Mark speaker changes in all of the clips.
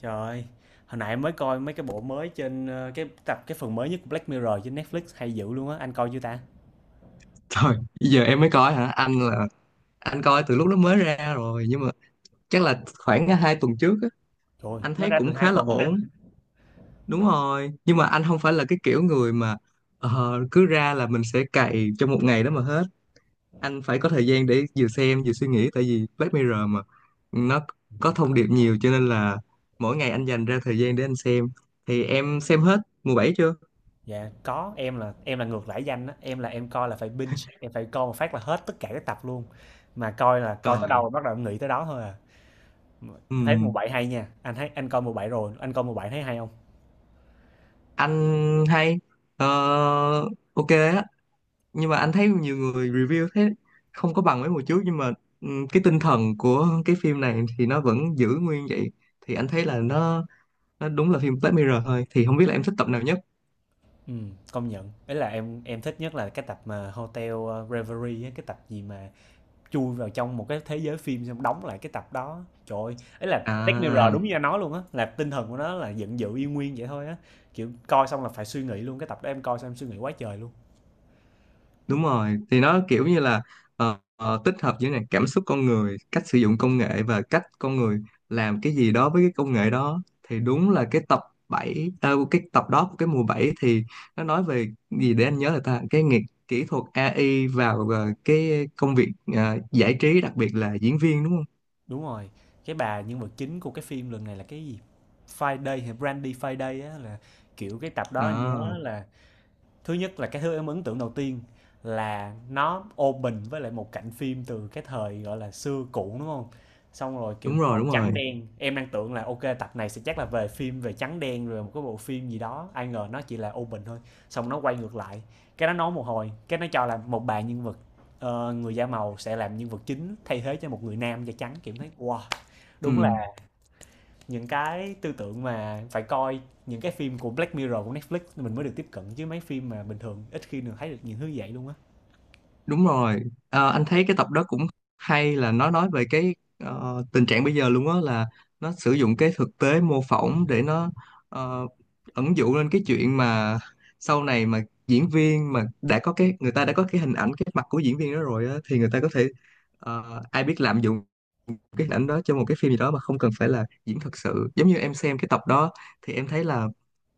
Speaker 1: Trời ơi, hồi nãy mới coi mấy cái bộ mới trên cái tập cái phần mới nhất của Black Mirror trên Netflix hay dữ luôn á, anh coi chưa ta?
Speaker 2: Thôi, giờ em mới coi hả? Anh coi từ lúc nó mới ra rồi, nhưng mà chắc là khoảng hai tuần trước á,
Speaker 1: Trời ơi,
Speaker 2: anh
Speaker 1: nó
Speaker 2: thấy
Speaker 1: ra từ
Speaker 2: cũng
Speaker 1: hai
Speaker 2: khá là
Speaker 1: tuần rồi.
Speaker 2: ổn. Đúng rồi. Nhưng mà anh không phải là cái kiểu người mà cứ ra là mình sẽ cày trong một ngày đó mà hết. Anh phải có thời gian để vừa xem vừa suy nghĩ, tại vì Black Mirror mà nó có thông điệp nhiều, cho nên là mỗi ngày anh dành ra thời gian để anh xem. Thì em xem hết mùa bảy chưa?
Speaker 1: Dạ, có, em là ngược lại danh á, em là em coi là phải binge, em phải coi một phát là hết tất cả các tập luôn. Mà coi là coi tới đâu
Speaker 2: Rồi.
Speaker 1: rồi bắt đầu em nghĩ tới đó thôi à. Mà em thấy mùa
Speaker 2: Ừm,
Speaker 1: 7 hay nha. Anh thấy anh coi mùa bảy rồi, anh coi mùa 7 thấy hay không?
Speaker 2: Anh hay Ờ, ok á, nhưng mà anh thấy nhiều người review thế không có bằng mấy mùa trước, nhưng mà cái tinh thần của cái phim này thì nó vẫn giữ nguyên vậy, thì anh thấy là nó đúng là phim Black Mirror thôi. Thì không biết là em thích tập nào nhất?
Speaker 1: Ừ, công nhận. Ấy là em thích nhất là cái tập mà Hotel Reverie á, cái tập gì mà chui vào trong một cái thế giới phim xong đóng lại cái tập đó. Trời ơi, ấy là Black Mirror đúng
Speaker 2: À,
Speaker 1: như anh nói luôn á, là tinh thần của nó là giận dữ y nguyên vậy thôi á. Kiểu coi xong là phải suy nghĩ luôn, cái tập đó em coi xong em suy nghĩ quá trời luôn.
Speaker 2: đúng rồi, thì nó kiểu như là tích hợp giữa này cảm xúc con người, cách sử dụng công nghệ và cách con người làm cái gì đó với cái công nghệ đó. Thì đúng là cái tập bảy, cái tập đó của cái mùa 7 thì nó nói về gì để anh nhớ, là ta cái nghiệp kỹ thuật AI vào cái công việc giải trí, đặc biệt là diễn viên, đúng không?
Speaker 1: Đúng rồi, cái bà nhân vật chính của cái phim lần này là cái gì Friday hay Brandy Friday á, là kiểu cái tập đó anh nhớ
Speaker 2: À,
Speaker 1: là thứ nhất là cái thứ em ấn tượng đầu tiên là nó open với lại một cảnh phim từ cái thời gọi là xưa cũ đúng không, xong rồi kiểu
Speaker 2: đúng rồi,
Speaker 1: màu
Speaker 2: đúng
Speaker 1: trắng
Speaker 2: rồi.
Speaker 1: đen em đang tưởng là ok tập này sẽ chắc là về phim về trắng đen rồi một cái bộ phim gì đó, ai ngờ nó chỉ là open thôi. Xong nó quay ngược lại, cái nó nói một hồi cái nó cho là một bà nhân vật người da màu sẽ làm nhân vật chính thay thế cho một người nam da trắng, kiểu thấy wow.
Speaker 2: Ừ.
Speaker 1: Đúng là những cái tư tưởng mà phải coi những cái phim của Black Mirror của Netflix mình mới được tiếp cận, chứ mấy phim mà bình thường ít khi được thấy được những thứ vậy luôn á.
Speaker 2: Đúng rồi. Ờ, anh thấy cái tập đó cũng hay, là nó nói về cái tình trạng bây giờ luôn á, là nó sử dụng cái thực tế mô phỏng để nó ờ, ẩn dụ lên cái chuyện mà sau này mà diễn viên mà đã có cái người ta đã có cái hình ảnh cái mặt của diễn viên đó rồi á, thì người ta có thể ai biết lạm dụng cái hình ảnh đó cho một cái phim gì đó mà không cần phải là diễn thật sự. Giống như em xem cái tập đó thì em thấy là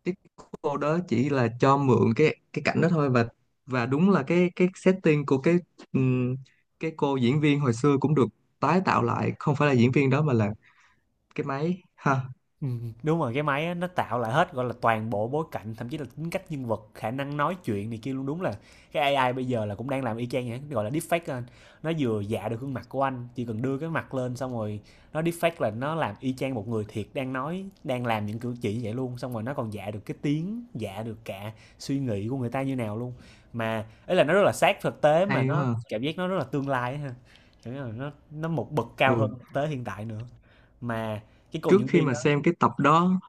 Speaker 2: cái cô đó chỉ là cho mượn cái cảnh đó thôi, và đúng là cái setting của ừm, cái cô diễn viên hồi xưa cũng được tái tạo lại, không phải là diễn viên đó mà là cái máy ha.
Speaker 1: Đúng rồi, cái máy á, nó tạo lại hết, gọi là, toàn bộ bối cảnh, thậm chí là tính cách nhân vật, khả năng nói chuyện này kia luôn. Đúng là cái AI bây giờ là cũng đang làm y chang vậy, gọi là deepfake á anh. Nó vừa dạ được gương mặt của anh, chỉ cần đưa cái mặt lên xong rồi nó deepfake là nó làm y chang một người thiệt đang nói, đang làm những cử chỉ như vậy luôn. Xong rồi nó còn dạ được cái tiếng, dạ được cả suy nghĩ của người ta như nào luôn. Mà ấy là nó rất là sát thực tế mà
Speaker 2: Hay
Speaker 1: nó
Speaker 2: quá ha.
Speaker 1: cảm giác nó rất là tương lai á ha. Kiểu như là nó một bậc cao hơn
Speaker 2: Ừ,
Speaker 1: thực tế hiện tại nữa. Mà cái cô
Speaker 2: trước
Speaker 1: diễn
Speaker 2: khi
Speaker 1: viên
Speaker 2: mà
Speaker 1: đó.
Speaker 2: xem cái tập đó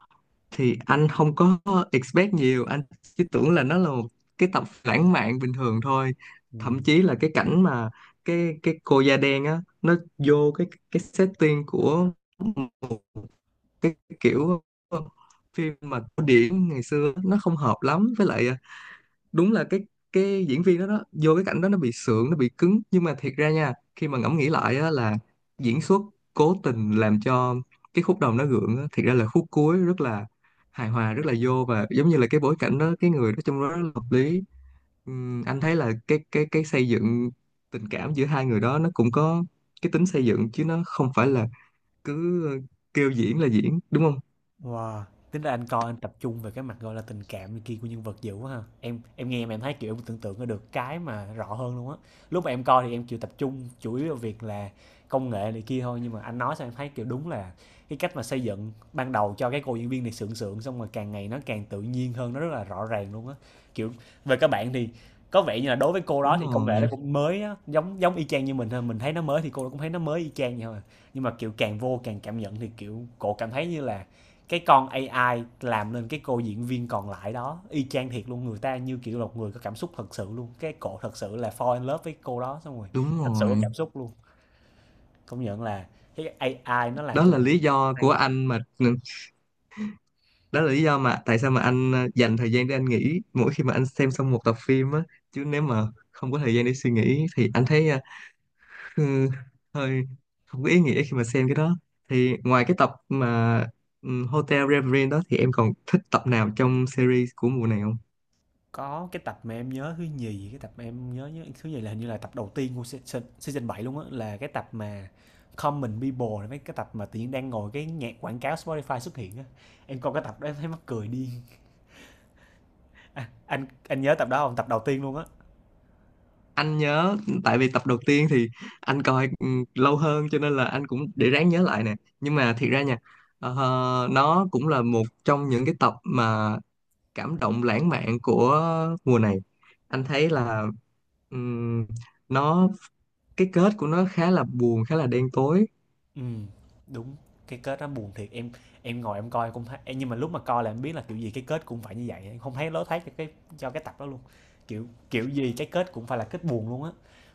Speaker 2: thì anh không có expect nhiều, anh chỉ tưởng là nó là một cái tập lãng mạn bình thường thôi.
Speaker 1: Ừ.
Speaker 2: Thậm chí là cái cảnh mà cái cô da đen á nó vô cái setting của cái kiểu ờ, phim mà cổ điển ngày xưa, nó không hợp lắm với lại đúng là cái diễn viên đó đó vô cái cảnh đó nó bị sượng, nó bị cứng, nhưng mà thiệt ra nha, khi mà ngẫm nghĩ lại á, là diễn xuất cố tình làm cho cái khúc đầu nó gượng á, thiệt ra là khúc cuối rất là hài hòa, rất là vô, và giống như là cái bối cảnh đó cái người đó trong đó rất là hợp lý. Anh thấy là cái xây dựng tình cảm giữa hai người đó nó cũng có cái tính xây dựng, chứ nó không phải là cứ kêu diễn là diễn, đúng không?
Speaker 1: Wow! Tính ra anh coi anh tập trung về cái mặt, gọi là, tình cảm này kia của nhân vật dữ quá ha. Em nghe mà em thấy, kiểu, em tưởng tượng ra được cái mà rõ hơn luôn á. Lúc mà em coi thì em, chịu tập trung chủ yếu vào việc là công nghệ này kia thôi, nhưng mà anh nói xong em thấy, kiểu, đúng là cái cách mà xây dựng ban đầu cho cái cô diễn viên này sượng sượng, xong rồi càng ngày nó càng tự nhiên hơn, nó rất là rõ ràng luôn á. Kiểu, về các bạn thì có vẻ như là đối với cô đó
Speaker 2: Đúng
Speaker 1: thì công nghệ nó
Speaker 2: rồi,
Speaker 1: cũng mới á, giống giống y chang như mình thôi, mình thấy nó mới thì cô cũng thấy nó mới y chang vậy thôi à. Nhưng mà, kiểu, càng vô càng cảm nhận thì, kiểu, cô cảm thấy như là cái con AI làm nên cái cô diễn viên còn lại đó y chang thiệt luôn, người ta như kiểu là một người có cảm xúc thật sự luôn, cái cổ thật sự là fall in love với cô đó xong rồi
Speaker 2: đúng
Speaker 1: thật sự có
Speaker 2: rồi.
Speaker 1: cảm xúc luôn. Công nhận là cái AI nó làm
Speaker 2: Đó
Speaker 1: cho
Speaker 2: là
Speaker 1: mình
Speaker 2: lý do
Speaker 1: hay.
Speaker 2: của anh mà, đó là lý do mà tại sao mà anh dành thời gian để anh nghĩ mỗi khi mà anh xem xong một tập phim á. Chứ nếu mà không có thời gian để suy nghĩ thì anh thấy ừ, hơi không có ý nghĩa khi mà xem cái đó. Thì ngoài cái tập mà Hotel Reverie đó thì em còn thích tập nào trong series của mùa nào?
Speaker 1: Có cái tập mà em nhớ thứ nhì, cái tập mà em nhớ nhớ- thứ nhì là hình như là tập đầu tiên của season 7 luôn á, là cái tập mà Common People, là mấy cái tập mà tự nhiên đang ngồi cái nhạc quảng cáo Spotify xuất hiện á. Em coi cái tập đó em thấy mắc cười điên. Anh nhớ tập đó không, tập đầu tiên luôn á.
Speaker 2: Anh nhớ, tại vì tập đầu tiên thì anh coi lâu hơn, cho nên là anh cũng để ráng nhớ lại nè. Nhưng mà thiệt ra nha, ờ, nó cũng là một trong những cái tập mà cảm động lãng mạn của mùa này. Anh thấy là ừm, nó cái kết của nó khá là buồn, khá là đen tối.
Speaker 1: Ừm, đúng, cái kết nó buồn thiệt, em ngồi em coi cũng thấy ê, nhưng mà lúc mà coi là em biết là kiểu gì cái kết cũng phải như vậy, em không thấy lối thoát cho cho cái tập đó luôn. Kiểu kiểu gì cái kết cũng phải là kết buồn luôn á.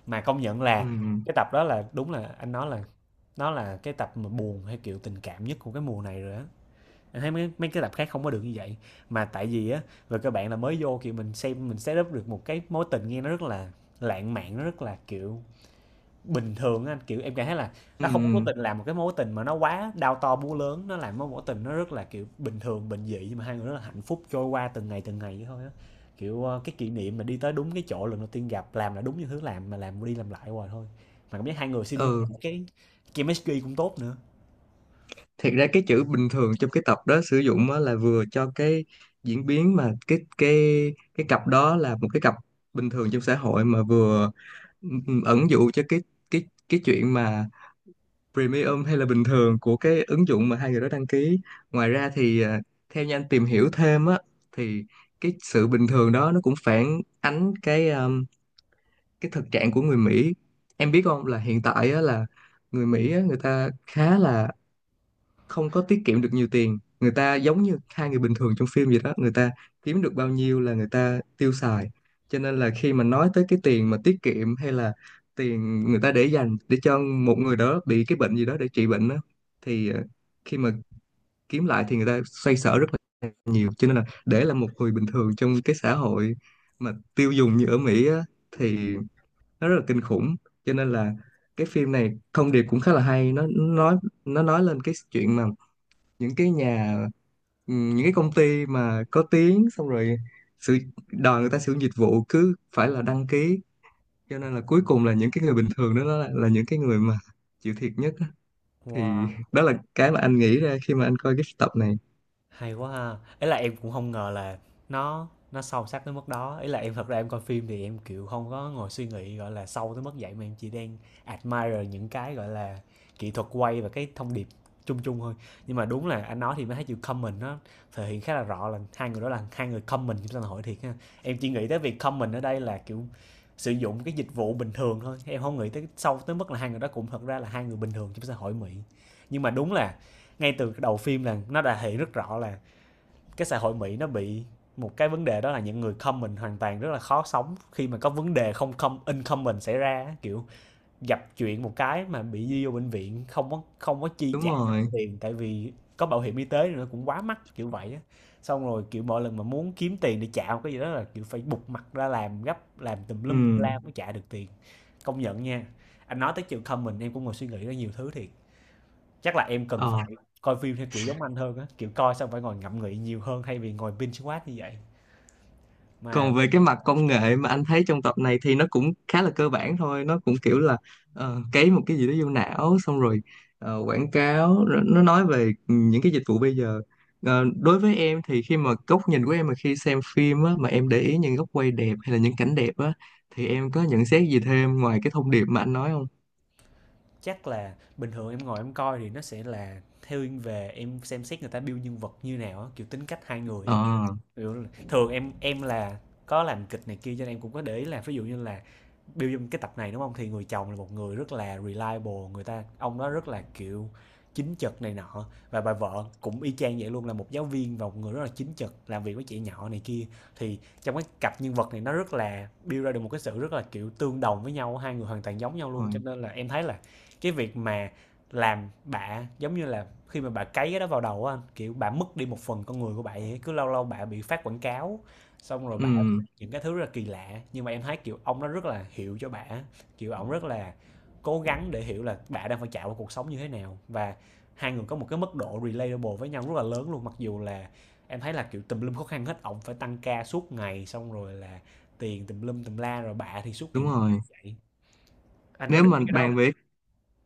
Speaker 1: Mà công nhận là
Speaker 2: Ừm,
Speaker 1: cái tập đó là đúng là anh nói là nó là cái tập mà buồn hay kiểu tình cảm nhất của cái mùa này rồi á. Anh thấy mấy mấy cái tập khác không có được như vậy. Mà tại vì á, về cơ bản là mới vô kiểu mình xem mình set up được một cái mối tình nghe nó rất là lãng mạn, nó rất là kiểu bình thường á anh, kiểu, em cảm thấy là nó không có cố
Speaker 2: ừ.
Speaker 1: tình làm một cái mối tình mà nó quá đao to búa lớn, nó làm mối mối tình nó rất là, kiểu, bình thường, bình dị, nhưng mà hai người rất là hạnh phúc trôi qua từng ngày vậy thôi á. Kiểu, ơ, cái kỷ niệm mà đi tới đúng cái chỗ lần đầu tiên gặp, làm là đúng những thứ làm mà làm đi làm lại hoài thôi. Mà cảm giác hai người xin
Speaker 2: Ừ,
Speaker 1: cái chemistry cũng tốt nữa.
Speaker 2: thiệt ra cái chữ bình thường trong cái tập đó sử dụng á là vừa cho cái diễn biến mà cái cặp đó là một cái cặp bình thường trong xã hội, mà vừa ẩn dụ cho cái chuyện mà premium hay là bình thường của cái ứng dụng mà hai người đó đăng ký. Ngoài ra thì à, theo như anh tìm hiểu thêm á thì cái sự bình thường đó nó cũng phản ánh cái thực trạng của người Mỹ. Em biết không, là hiện tại á là người Mỹ á, người ta khá là không có tiết kiệm được nhiều tiền, người ta giống như hai người bình thường trong phim vậy đó, người ta kiếm được bao nhiêu là người ta tiêu xài. Cho nên là khi mà nói tới cái tiền mà tiết kiệm, hay là tiền người ta để dành để cho một người đó bị cái bệnh gì đó để trị bệnh đó, thì khi mà kiếm lại thì người ta xoay sở rất là nhiều. Cho nên là để là một người bình thường trong cái xã hội mà tiêu dùng như ở Mỹ á, thì nó rất là kinh khủng. Cho nên là cái phim này thông điệp cũng khá là hay, nó nói lên cái chuyện mà những cái nhà những cái công ty mà có tiếng, xong rồi sự đòi người ta sử dụng dịch vụ cứ phải là đăng ký, cho nên là cuối cùng là những cái người bình thường đó, là những cái người mà chịu thiệt nhất á. Thì
Speaker 1: Wow!
Speaker 2: đó là cái mà anh nghĩ ra khi mà anh coi cái tập này.
Speaker 1: Hay quá ha. Ấy là em cũng không ngờ là nó nó sâu sắc tới mức đó. Ấy là em thật ra em coi phim thì em, kiểu, không có ngồi suy nghĩ, gọi là, sâu tới mức vậy, mà em chỉ đang admire những cái, gọi là, kỹ thuật quay và cái thông điệp chung chung thôi. Nhưng mà đúng là anh nói thì mới thấy chữ common nó thể hiện khá là rõ là hai người đó là hai người common trong xã hội thiệt ha. Em chỉ nghĩ tới việc common ở đây là, kiểu, sử dụng cái dịch vụ bình thường thôi, em không nghĩ tới sâu tới mức là hai người đó cũng thật ra là hai người bình thường trong xã hội Mỹ. Nhưng mà đúng là ngay từ đầu phim là nó đã thể hiện rất rõ là cái xã hội Mỹ nó bị một cái vấn đề, đó là những người comment hoàn toàn rất là khó sống khi mà có vấn đề không không in comment xảy ra, kiểu gặp chuyện một cái mà bị đi vô bệnh viện không có chi
Speaker 2: Đúng
Speaker 1: trả nổi
Speaker 2: rồi.
Speaker 1: tiền, tại vì có bảo hiểm y tế nó cũng quá mắc kiểu vậy á. Xong rồi kiểu mỗi lần mà muốn kiếm tiền để trả một cái gì đó là kiểu phải bục mặt ra làm gấp làm tùm lum
Speaker 2: Ừ.
Speaker 1: la mới trả được tiền. Công nhận nha, anh nói tới chuyện comment em cũng ngồi suy nghĩ ra nhiều thứ thiệt. Chắc là em cần
Speaker 2: Ờ,
Speaker 1: phải coi phim theo kiểu giống anh hơn á, kiểu coi xong phải ngồi ngẫm nghĩ nhiều hơn thay vì ngồi binge watch như vậy. Mà
Speaker 2: còn về cái mặt công nghệ mà anh thấy trong tập này thì nó cũng khá là cơ bản thôi, nó cũng kiểu là cấy một cái gì đó vô não, xong rồi quảng cáo, rồi nó nói về những cái dịch vụ bây giờ. Ờ, đối với em thì khi mà góc nhìn của em mà khi xem phim á, mà em để ý những góc quay đẹp hay là những cảnh đẹp á, thì em có nhận xét gì thêm ngoài cái thông điệp mà anh nói không?
Speaker 1: chắc là bình thường em ngồi em coi thì nó sẽ là thiên về em xem xét người ta build nhân vật như nào á, kiểu tính cách hai người á.
Speaker 2: Ờ,
Speaker 1: Hiểu. Thường em là có làm kịch này kia cho nên em cũng có để ý là ví dụ như là build trong cái tập này, đúng không. Thì người chồng là một người rất là reliable, người ta ông đó rất là, kiểu, chính trực này nọ, và bà vợ cũng y chang vậy luôn, là một giáo viên và một người rất là chính trực, làm việc với trẻ nhỏ này kia. Thì trong cái cặp nhân vật này nó rất là build ra được một cái sự rất là, kiểu, tương đồng với nhau, hai người hoàn toàn giống nhau
Speaker 2: đúng
Speaker 1: luôn,
Speaker 2: rồi.
Speaker 1: cho nên là em thấy là cái việc mà làm bạ giống như là khi mà bà cấy cái đó vào đầu á anh, kiểu bà mất đi một phần con người của bà ấy. Cứ lâu lâu bà bị phát quảng cáo xong rồi
Speaker 2: Ừ,
Speaker 1: bà những cái thứ rất là kỳ lạ, nhưng mà em thấy kiểu ông nó rất là hiểu cho bà, kiểu ông rất là cố gắng để hiểu là bà đang phải trải qua cuộc sống như thế nào, và hai người có một cái mức độ relatable với nhau rất là lớn luôn, mặc dù là em thấy là kiểu tùm lum khó khăn hết, ông phải tăng ca suốt ngày xong rồi là tiền tùm lum tùm la, rồi bà thì suốt ngày
Speaker 2: đúng
Speaker 1: ngủ như
Speaker 2: rồi.
Speaker 1: vậy. Anh có
Speaker 2: Nếu
Speaker 1: để
Speaker 2: mà
Speaker 1: ý cái đó
Speaker 2: bàn
Speaker 1: không?
Speaker 2: về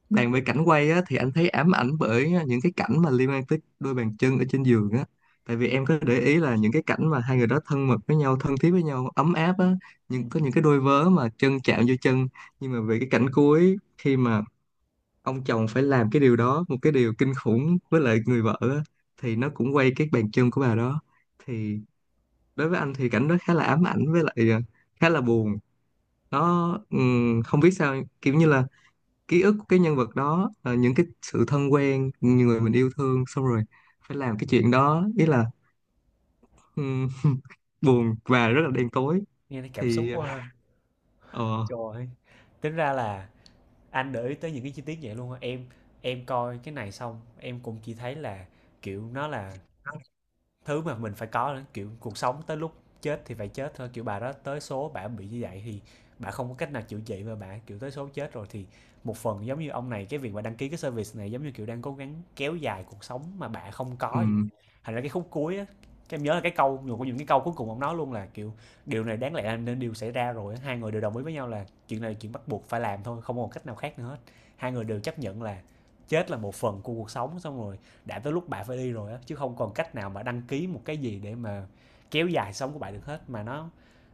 Speaker 2: cảnh quay á, thì anh thấy ám ảnh bởi những cái cảnh mà liên quan tới đôi bàn chân ở trên giường á. Tại vì em có để ý là những cái cảnh mà hai người đó thân mật với nhau, thân thiết với nhau, ấm áp á,
Speaker 1: Ừ.
Speaker 2: nhưng có những cái đôi vớ mà chân chạm vô chân. Nhưng mà về cái cảnh cuối, khi mà ông chồng phải làm cái điều đó, một cái điều kinh khủng với lại người vợ á, thì nó cũng quay cái bàn chân của bà đó. Thì đối với anh thì cảnh đó khá là ám ảnh, với lại khá là buồn. Nó không biết sao kiểu như là ký ức của cái nhân vật đó, những cái sự thân quen, những người mình yêu thương, xong rồi phải làm cái chuyện đó, ý là ừm, buồn và rất là đen tối.
Speaker 1: Nghe thấy cảm xúc
Speaker 2: Thì
Speaker 1: quá ha.
Speaker 2: ờ
Speaker 1: Trời ơi, tính ra là anh để ý tới những cái chi tiết vậy luôn hả em. Em coi cái này xong em cũng chỉ thấy là kiểu nó là thứ mà mình phải có, kiểu cuộc sống tới lúc chết thì phải chết thôi, kiểu bà đó tới số bà bị như vậy thì bà không có cách nào chữa trị, và bà kiểu tới số chết rồi thì một phần giống như ông này, cái việc mà đăng ký cái service này giống như kiểu đang cố gắng kéo dài cuộc sống mà bà không có vậy.
Speaker 2: ừm,
Speaker 1: Thành ra cái khúc cuối á, cái em nhớ là cái câu một trong những cái câu cuối cùng ông nói luôn là kiểu điều này đáng lẽ là nên điều xảy ra rồi á. Hai người đều đồng ý với nhau là chuyện này là chuyện bắt buộc phải làm thôi, không có một cách nào khác nữa hết. Hai người đều chấp nhận là chết là một phần của cuộc sống, xong rồi đã tới lúc bạn phải đi rồi á, chứ không còn cách nào mà đăng ký một cái gì để mà kéo dài sống của bạn được hết, mà nó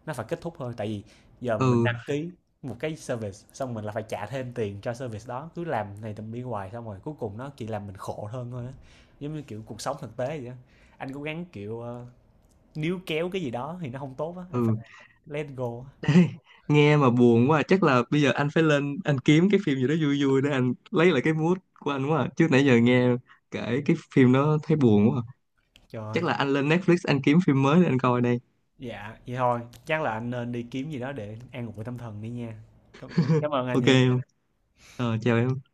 Speaker 1: nó phải kết thúc thôi. Tại vì giờ mình
Speaker 2: ừ
Speaker 1: đăng ký một cái service xong mình là phải trả thêm tiền cho service đó, cứ làm này tầm đi hoài xong rồi cuối cùng nó chỉ làm mình khổ hơn thôi á. Giống như kiểu cuộc sống thực tế vậy á, anh cố gắng kiểu níu kéo cái gì đó thì nó không tốt á, anh phải
Speaker 2: ừ
Speaker 1: let go á.
Speaker 2: Ê, nghe mà buồn quá à. Chắc là bây giờ anh phải lên anh kiếm cái phim gì đó vui vui để anh lấy lại cái mood của anh quá à. Chứ nãy giờ nghe kể cái phim đó thấy buồn quá à.
Speaker 1: Trời ơi.
Speaker 2: Chắc là anh lên Netflix anh kiếm phim mới để anh coi đây.
Speaker 1: Dạ vậy thôi, chắc là anh nên đi kiếm gì đó để an ủi tâm thần đi nha. cảm, Cảm ơn anh
Speaker 2: Ok
Speaker 1: nha.
Speaker 2: không? Ờ, chào em.